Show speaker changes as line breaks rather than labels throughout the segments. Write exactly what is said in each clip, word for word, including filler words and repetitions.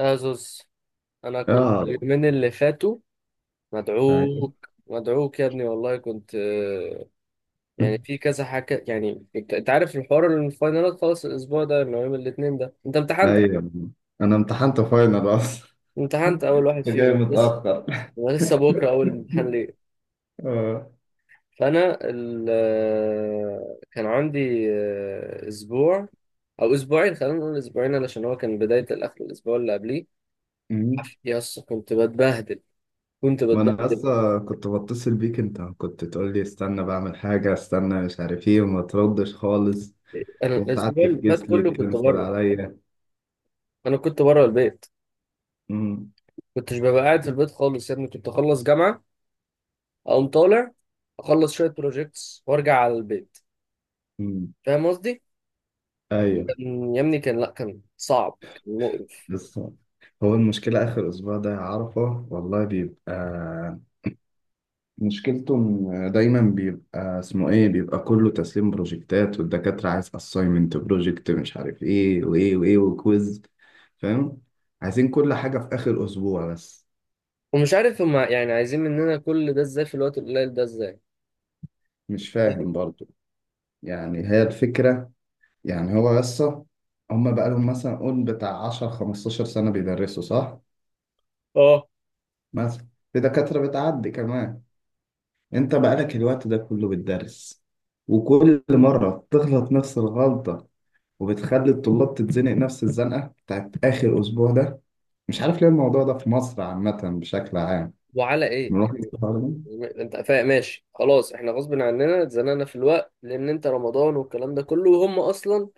ازوس. انا كنت
اه
اليومين اللي فاتوا
ايوه
مدعوك مدعوك يا ابني، والله كنت آه، يعني في كذا حاجه. يعني انت أنت عارف الحوار، الفاينالات خلاص الاسبوع ده اللي هو يوم الاثنين ده. انت امتحنت
ايوه انا امتحنت فاينل اصلا.
امتحنت اول واحد
انت جاي
فيهم لسه،
متاخر.
ولسه بكره اول امتحان ليه.
اه.
فانا ال... آه، كان عندي آه، اسبوع او اسبوعين، خلينا نقول اسبوعين، علشان هو كان بدايه الاخر الاسبوع اللي قبليه.
أمم.
يس كنت بتبهدل، كنت
ما انا
بتبهدل.
اصلا كنت بتصل بيك، انت كنت تقول لي استنى بعمل حاجه استنى مش عارف ايه وما تردش خالص،
انا
وساعات
الاسبوع اللي فات
تفكيس
كله
ليك
كنت
كنسل
بره،
عليا.
انا كنت بره البيت.
أمم.
كنتش ببقى قاعد في البيت خالص يا ابني. كنت اخلص جامعه اقوم طالع، اخلص شويه بروجيكتس وارجع على البيت.
أمم.
فاهم قصدي؟
ايوه.
كان يا ابني كان، لا كان صعب، كان مقرف.
بس هو المشكله اخر اسبوع ده يا عرفه والله بيبقى، مشكلته إن دايما بيبقى اسمه ايه، بيبقى كله تسليم بروجكتات، والدكاترة عايز اساينمنت بروجكت مش عارف ايه وايه وايه وكويز. فاهم؟ عايزين كل حاجة في اخر اسبوع بس.
ومش عارف هما يعني عايزين مننا كل ده ازاي في الوقت القليل ده ازاي.
مش فاهم
فاهم؟
برضو. يعني هي الفكرة، يعني هو بس، هما بقالهم مثلا قول بتاع عشرة خمستاشر سنة بيدرسوا، صح؟
اه
مثلا في دكاترة بتعدي كمان. انت بقالك الوقت ده كله بتدرس، وكل مرة تغلط نفس الغلطة، وبتخلي الطلاب تتزنق نفس الزنقة بتاعت آخر أسبوع ده. مش عارف ليه الموضوع ده في مصر عامة بشكل عام.
وعلى ايه
ملاحظ
يعني.
الحوار ده؟
انت فاهم، ماشي خلاص، احنا غصب عننا اتزنقنا في الوقت لان انت رمضان والكلام ده كله، وهم اصلا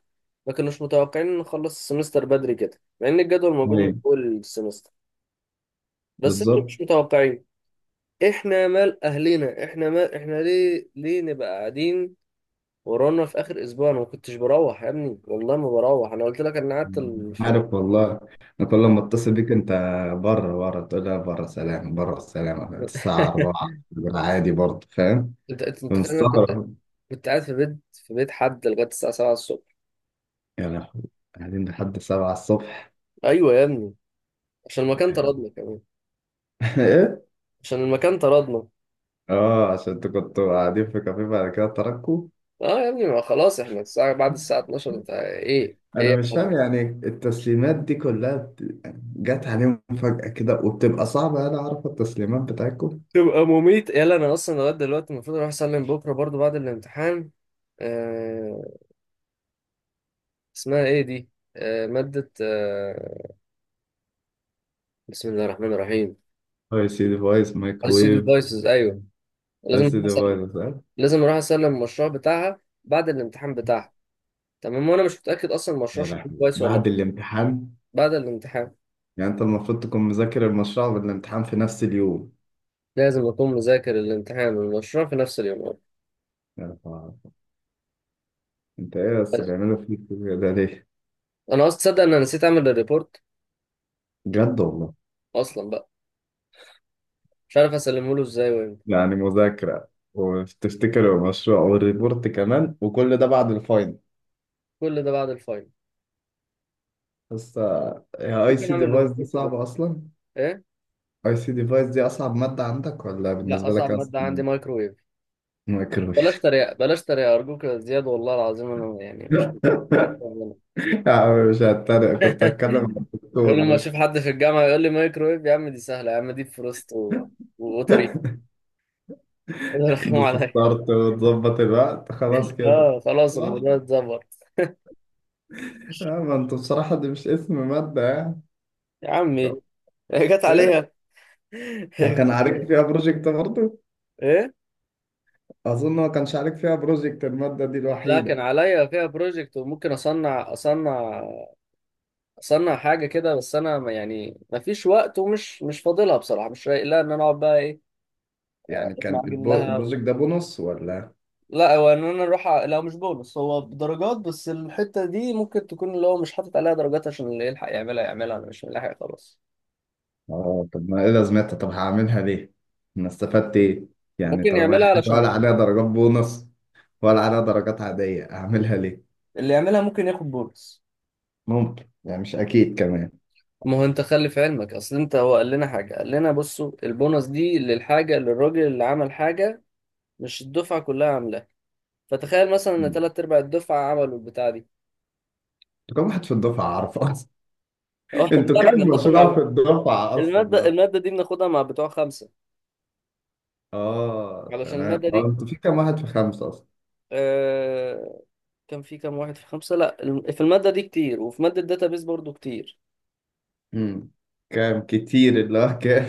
ما كانوش متوقعين ان نخلص السمستر بدري كده، مع ان الجدول موجود من
أيوه
اول السمستر. بس انتوا
بالظبط.
مش متوقعين. احنا مال اهلنا، احنا مال، احنا ليه ليه نبقى قاعدين ورانا في اخر اسبوع؟ انا ما كنتش بروح يا ابني، والله ما بروح. انا قلت لك انا قعدت ال... في...
عارف والله. أنا كل ما أتصل بيك أنت، بره بره تقول لي بره سلام، بره سلام الساعة اربعة. عادي برضه فاهم.
انت انت متخيل إن انا كنت
فمستغرب.
كنت قاعد في بيت في بيت حد لغايه الساعه السابعة الصبح.
يا لهوي، قاعدين لحد السابعة الصبح؟
ايوه يا ابني، عشان المكان
يا لهوي.
طردنا كمان.
إيه؟
عشان المكان طردنا.
آه عشان أنتوا كنتوا قاعدين في كافيه بعد كده تركوا.
اه يا ابني، ما خلاص احنا الساعه بعد الساعه اتناشر. انت ايه ايه
انا
يا
مش فاهم،
ابني؟
يعني التسليمات دي كلها بت- جت عليهم فجأة كده وبتبقى صعبة، انا اعرف التسليمات بتاعتكم.
تبقى مميت. يلا انا اصلا لغايه دلوقتي المفروض اروح اسلم بكره برضو بعد الامتحان. آه، اسمها ايه دي؟ آه مادة، آه بسم الله الرحمن الرحيم.
اي سي ديفايس، مايكرويف.
السيديدايسز ايوه.
اي
لازم
سي
اروح اسلم،
ديفايس، فاهم.
لازم اروح اسلم المشروع بتاعها بعد الامتحان بتاعها. تمام؟ وانا مش متأكد اصلا المشروع
يا
شكله
لهوي
كويس ولا لا.
بعد الامتحان؟
بعد الامتحان
يعني انت المفروض تكون مذاكر المشروع والامتحان في نفس اليوم.
لازم اكون مذاكر الامتحان والمشروع في نفس اليوم.
يا لهوي. انت ايه بس
طيب،
بيعملوا فيك كده ليه؟
انا اصلا تصدق ان انا نسيت اعمل الريبورت.
بجد والله؟
اصلا بقى مش عارف اسلمه له ازاي وامتى.
يعني مذاكرة، وتفتكر المشروع والريبورت كمان وكل ده بعد الفاينل؟
كل ده بعد الفاينل.
بس آه، يا اي
ممكن
سي
اعمل
ديفايس دي
الريبورت بكره.
صعبة اصلا.
ايه؟
اي سي ديفايس دي اصعب ماده عندك ولا
لا،
بالنسبه لك
اصعب
اصعب
مادة عندي
ماده؟
مايكرويف. بلاش
مايكرويف؟
تريقة، بلاش تريقة أرجوك يا زياد. والله العظيم أنا يعني مش، حتى أنا.
يا عم مش هتريق، كنت هتكلم مع
كل ما
الدكتور بس.
أشوف حد في الجامعة يقول لي مايكرويف يا عم دي سهلة، يا عم دي فروست و... وأوتوري. رخموا
دوس
عليا.
ستارت وتظبط الوقت خلاص كده.
آه خلاص
صح.
الموضوع اتظبط.
آه، ما انت بصراحه دي مش اسم ماده يعني.
يا عمي هي جت
إيه؟
عليها.
كان عليك فيها بروجكت برضه؟
إيه؟
اظن ما كانش عليك فيها بروجكت الماده دي
لا، كان
الوحيده.
عليا فيها بروجكت. وممكن أصنع أصنع أصنع حاجة كده. بس أنا ما- يعني ما فيش وقت، ومش مش فاضلها بصراحة، مش رايق لها إن أنا أقعد بقى إيه،
يعني كان
أتمعجن
البو-
لها.
البروجكت ده بونص ولا؟
لا هو ان انا اروح ع- لا مش بونص، هو بدرجات. بس الحته دي ممكن تكون اللي هو مش حاطط عليها درجات، عشان اللي يلحق يعملها يعملها. انا مش ملاحق خلاص.
اه طب ما ايه لازمتها، طب هعملها ليه؟ انا استفدت ايه؟ يعني
ممكن
طالما هي
يعملها
حاجه
علشان
ولا عليها درجات بونص ولا عليها درجات عاديه، اعملها ليه؟
اللي يعملها ممكن ياخد بونص.
ممكن، يعني مش اكيد كمان.
ما هو انت خلي في علمك، اصل انت هو قال لنا حاجه، قال لنا بصوا البونص دي للحاجه للراجل اللي عمل حاجه، مش الدفعه كلها عاملاها. فتخيل مثلا ان
مم.
ثلاث ارباع الدفعه عملوا البتاع دي.
انتوا كام واحد في الدفعه عارفه اصلا؟
هو احنا
انتوا
لا، ما
كام
احنا بناخد
مشروع
مع
في الدفعه اصلا
الماده
عارف؟
الماده دي. بناخدها مع بتوع خمسه،
اه
علشان
تمام،
الماده دي
اه انتوا في كام واحد في خمسه اصلا؟
آه، كان في كام واحد في خمسة. لا، الم- في المادة دي كتير، وفي مادة داتابيز برضو كتير.
امم. كام كتير، اللي هو كام؟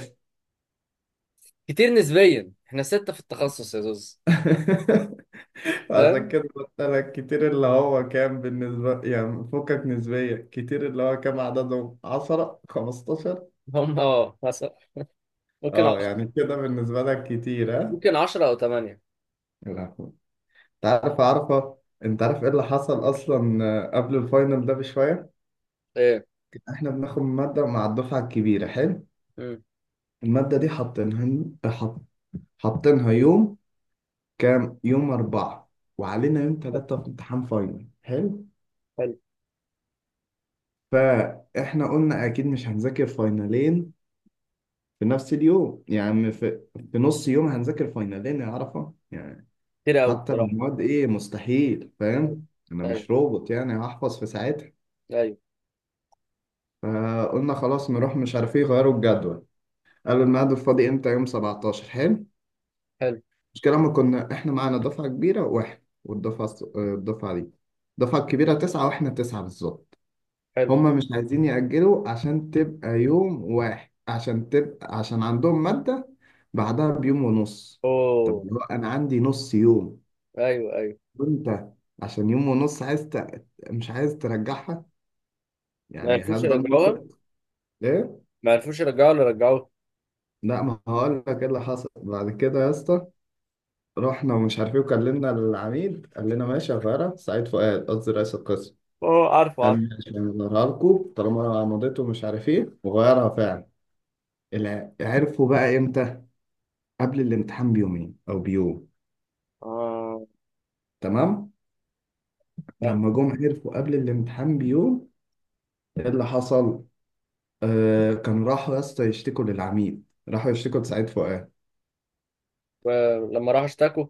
كتير نسبيا، احنا ستة في التخصص يا زوز.
عشان
فاهم.
كده قلت لك كتير اللي هو كام بالنسبة، يعني فكك نسبية، كتير اللي هو كام عددهم، عشرة خمسة عشر؟
هم اه مثلا ممكن
اه
عشرة،
يعني كده بالنسبة لك كتير، ها؟
ممكن عشرة أو تمانية.
لا، انت عارف، عارفة. انت عارف ايه اللي حصل اصلا؟ آه، قبل الفاينل ده بشوية،
ايه.
احنا بناخد مادة مع الدفعة الكبيرة، حلو.
امم.
المادة دي حاطينها، حط... حاطينها يوم كام، يوم أربعة. وعلينا يوم تلاتة في امتحان فاينل، حلو.
حلو.
فاحنا قلنا اكيد مش هنذاكر فاينلين في نفس اليوم، يعني في, في نص يوم هنذاكر فاينلين يا عرفة يعني.
كتير أوي
حتى لو
بصراحة.
مواد ايه مستحيل،
أيوه،
فاهم. انا
أيوه،
مش روبوت يعني هحفظ في ساعتها.
أيوه.
فقلنا خلاص نروح مش عارف ايه، غيروا الجدول. قالوا الميعاد الفاضي امتى، يوم سبعتاشر، حلو.
حلو.
المشكلة ما كنا احنا معانا دفعة كبيرة واحد، والدفعة الص- آه، الدفعة دي، الدفعة الكبيرة تسعة واحنا تسعة بالظبط.
حلو.
هما مش عايزين يأجلوا عشان تبقى يوم واحد، عشان تبقى، عشان عندهم مادة بعدها بيوم ونص. طب
أوه.
اللي هو انا عندي نص يوم
أيوه، أيوه.
وانت عشان يوم ونص عايز ت... مش عايز ترجعها؟
ما
يعني
عرفوش
هبدأ
يرجعوها،
المنطق. ليه؟
ما عرفوش يرجعوها ولا رجعوها.
لا ما هقول لك ايه اللي حصل بعد كده يا اسطى. رحنا ومش عارف ايه وكلمنا العميد، قال لنا ماشي يا غيرة، سعيد فؤاد قصدي رئيس القسم.
أوه، عارفه
قال
عارفه.
لي ماشي هنغيرها لكم طالما مضيته ومش عارف ايه، وغيرها فعلا. الع- عرفوا بقى امتى؟ قبل الامتحان بيومين او بيوم.
آه،
تمام؟
فاهم.
لما جم عرفوا قبل الامتحان بيوم. ايه اللي حصل؟ آه كان راحوا يا اسطى يشتكوا للعميد، راحوا يشتكوا لسعيد فؤاد.
ولما راحوا اشتكوا.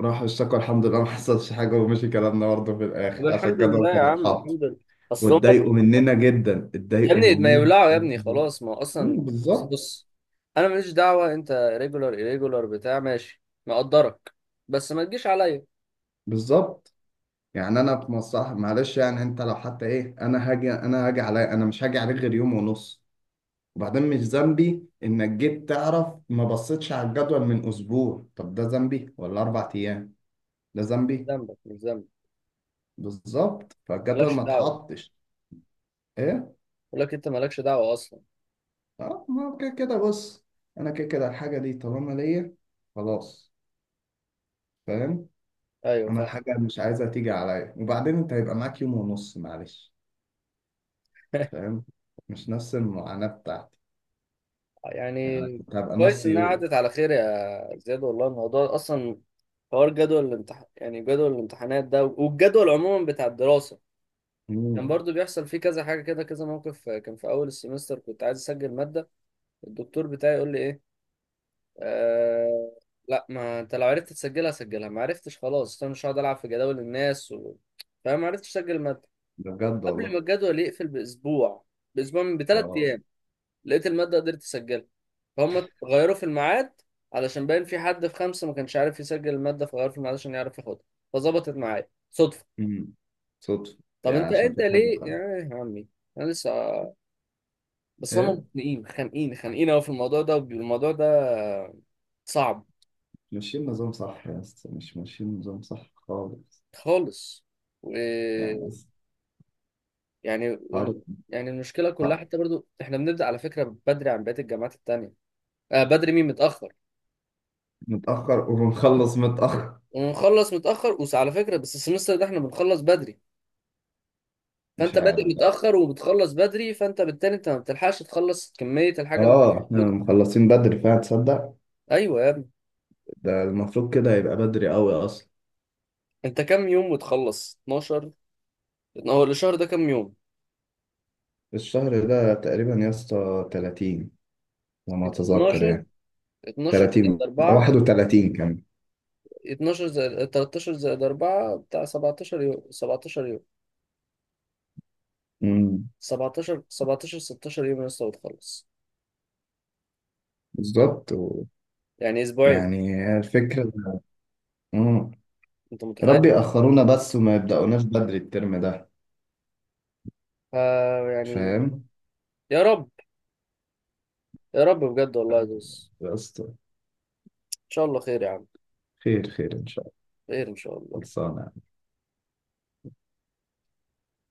راحوا اشتكوا، الحمد لله ما حصلش حاجة ومشي كلامنا برضه في
طب
الآخر عشان
الحمد
الجدول
لله يا
كان
عم،
اتحط.
الحمد لله. أصل هم،
واتضايقوا مننا جدا،
يا
اتضايقوا
ابني ما
مننا.
يولعوا، يا ابني خلاص. ما هو اصلا
مم،
بس
بالظبط.
بص، انا ماليش دعوه. انت ريجولار irregular بتاع، ماشي مقدرك، بس ما تجيش عليا.
بالظبط. يعني انا في مصلحة، معلش يعني انت لو حتى ايه، انا هاجي، انا هاجي عليا، انا مش هاجي عليك غير يوم ونص. وبعدين مش ذنبي انك جيت تعرف ما بصيتش على الجدول من اسبوع، طب ده ذنبي؟ ولا اربع ايام، ده ذنبي؟
ذنبك مش ذنبك،
بالظبط، فالجدول
مالكش
ما
دعوه.
اتحطش. ايه؟
بقول لك انت مالكش دعوه اصلا.
اه ما هو كده كده، بص انا كده كده الحاجه دي طالما ليا خلاص، فاهم.
ايوه
انا
فاهم.
الحاجه مش عايزها تيجي عليا، وبعدين انت هيبقى معاك يوم ونص، معلش. فاهم؟ مش نفس المعاناه بتاعتي. يعني انا
يعني
كنت هبقى
كويس
نص
انها
يوم.
عدت على خير يا زياد. والله الموضوع اصلا، حوار جدول الامتحان، يعني جدول الامتحانات ده والجدول عموما بتاع الدراسه، كان
مم.
برضو بيحصل فيه كذا حاجه كده، كذا موقف. كان في اول السمستر كنت عايز اسجل ماده، الدكتور بتاعي يقول لي ايه؟ أه، لا، ما انت لو عرفت تسجلها سجلها، ما عرفتش خلاص انا مش هقعد العب في جداول الناس و... فما عرفتش اسجل الماده.
ده بجد
قبل ما
والله.
الجدول يقفل باسبوع باسبوع من بثلاث
اه.
ايام لقيت الماده قدرت اسجلها. فهم غيروا في الميعاد، علشان باين في حد في خمسه ما كانش عارف يسجل الماده، فغيروا في الميعاد عشان يعرف ياخدها. فظبطت معايا صدفه.
مم. صدفه.
طب
يعني
انت
عشان
انت
في حد
ليه يا
خان.
يا عمي، انا لسه، بس هم
ايه؟
مخانقين خانقين خانقين قوي في الموضوع ده والموضوع ده صعب
ماشيين نظام صح يا اسطى؟ مش ماشيين نظام صح خالص.
خالص. و...
يعني بس،
يعني
هارد.
وال... يعني المشكله كلها، حتى برضو احنا بنبدا على فكره بدري عن بقيه الجامعات التانيه. آه بدري. مين متاخر؟
متاخر وبنخلص متاخر.
ونخلص متاخر. وعلى فكره بس السمستر ده احنا بنخلص بدري.
مش
فانت بادئ
عارف.
متاخر وبتخلص بدري، فانت بالتالي انت ما بتلحقش تخلص كميه الحاجه اللي
اه احنا
بتاخدها.
مخلصين بدري فعلا تصدق؟
ايوه يا ابني.
ده المفروض كده يبقى بدري قوي اصلا.
انت كام يوم وتخلص؟ اتناشر. هو الشهر ده كام يوم؟
الشهر ده تقريبا يا اسطى تلاتين، لما
يبقى
اتذكر
اتناشر.
يعني.
اتناشر زائد
تلاتين
اربعة،
واحد وتلاتين كمان.
اتناشر زائد تلتاشر زائد اربعة بتاع سبعتاشر يوم، سبعتاشر يوم.
امم.
سبعتاشر، سبعتاشر، ستة عشر يوم لسه وتخلص.
بالظبط و...
يعني اسبوعين.
يعني هي الفكرة. امم.
انت
ربي
متخيل؟
يأخرونا بس وما يبدأوناش بدري الترم ده.
ف يعني.
فاهم.
يا رب، يا رب بجد والله يا زوز.
يا اسطى.
ان شاء الله خير يا عم.
خير، خير ان شاء الله.
خير ان شاء الله.
خلصانة.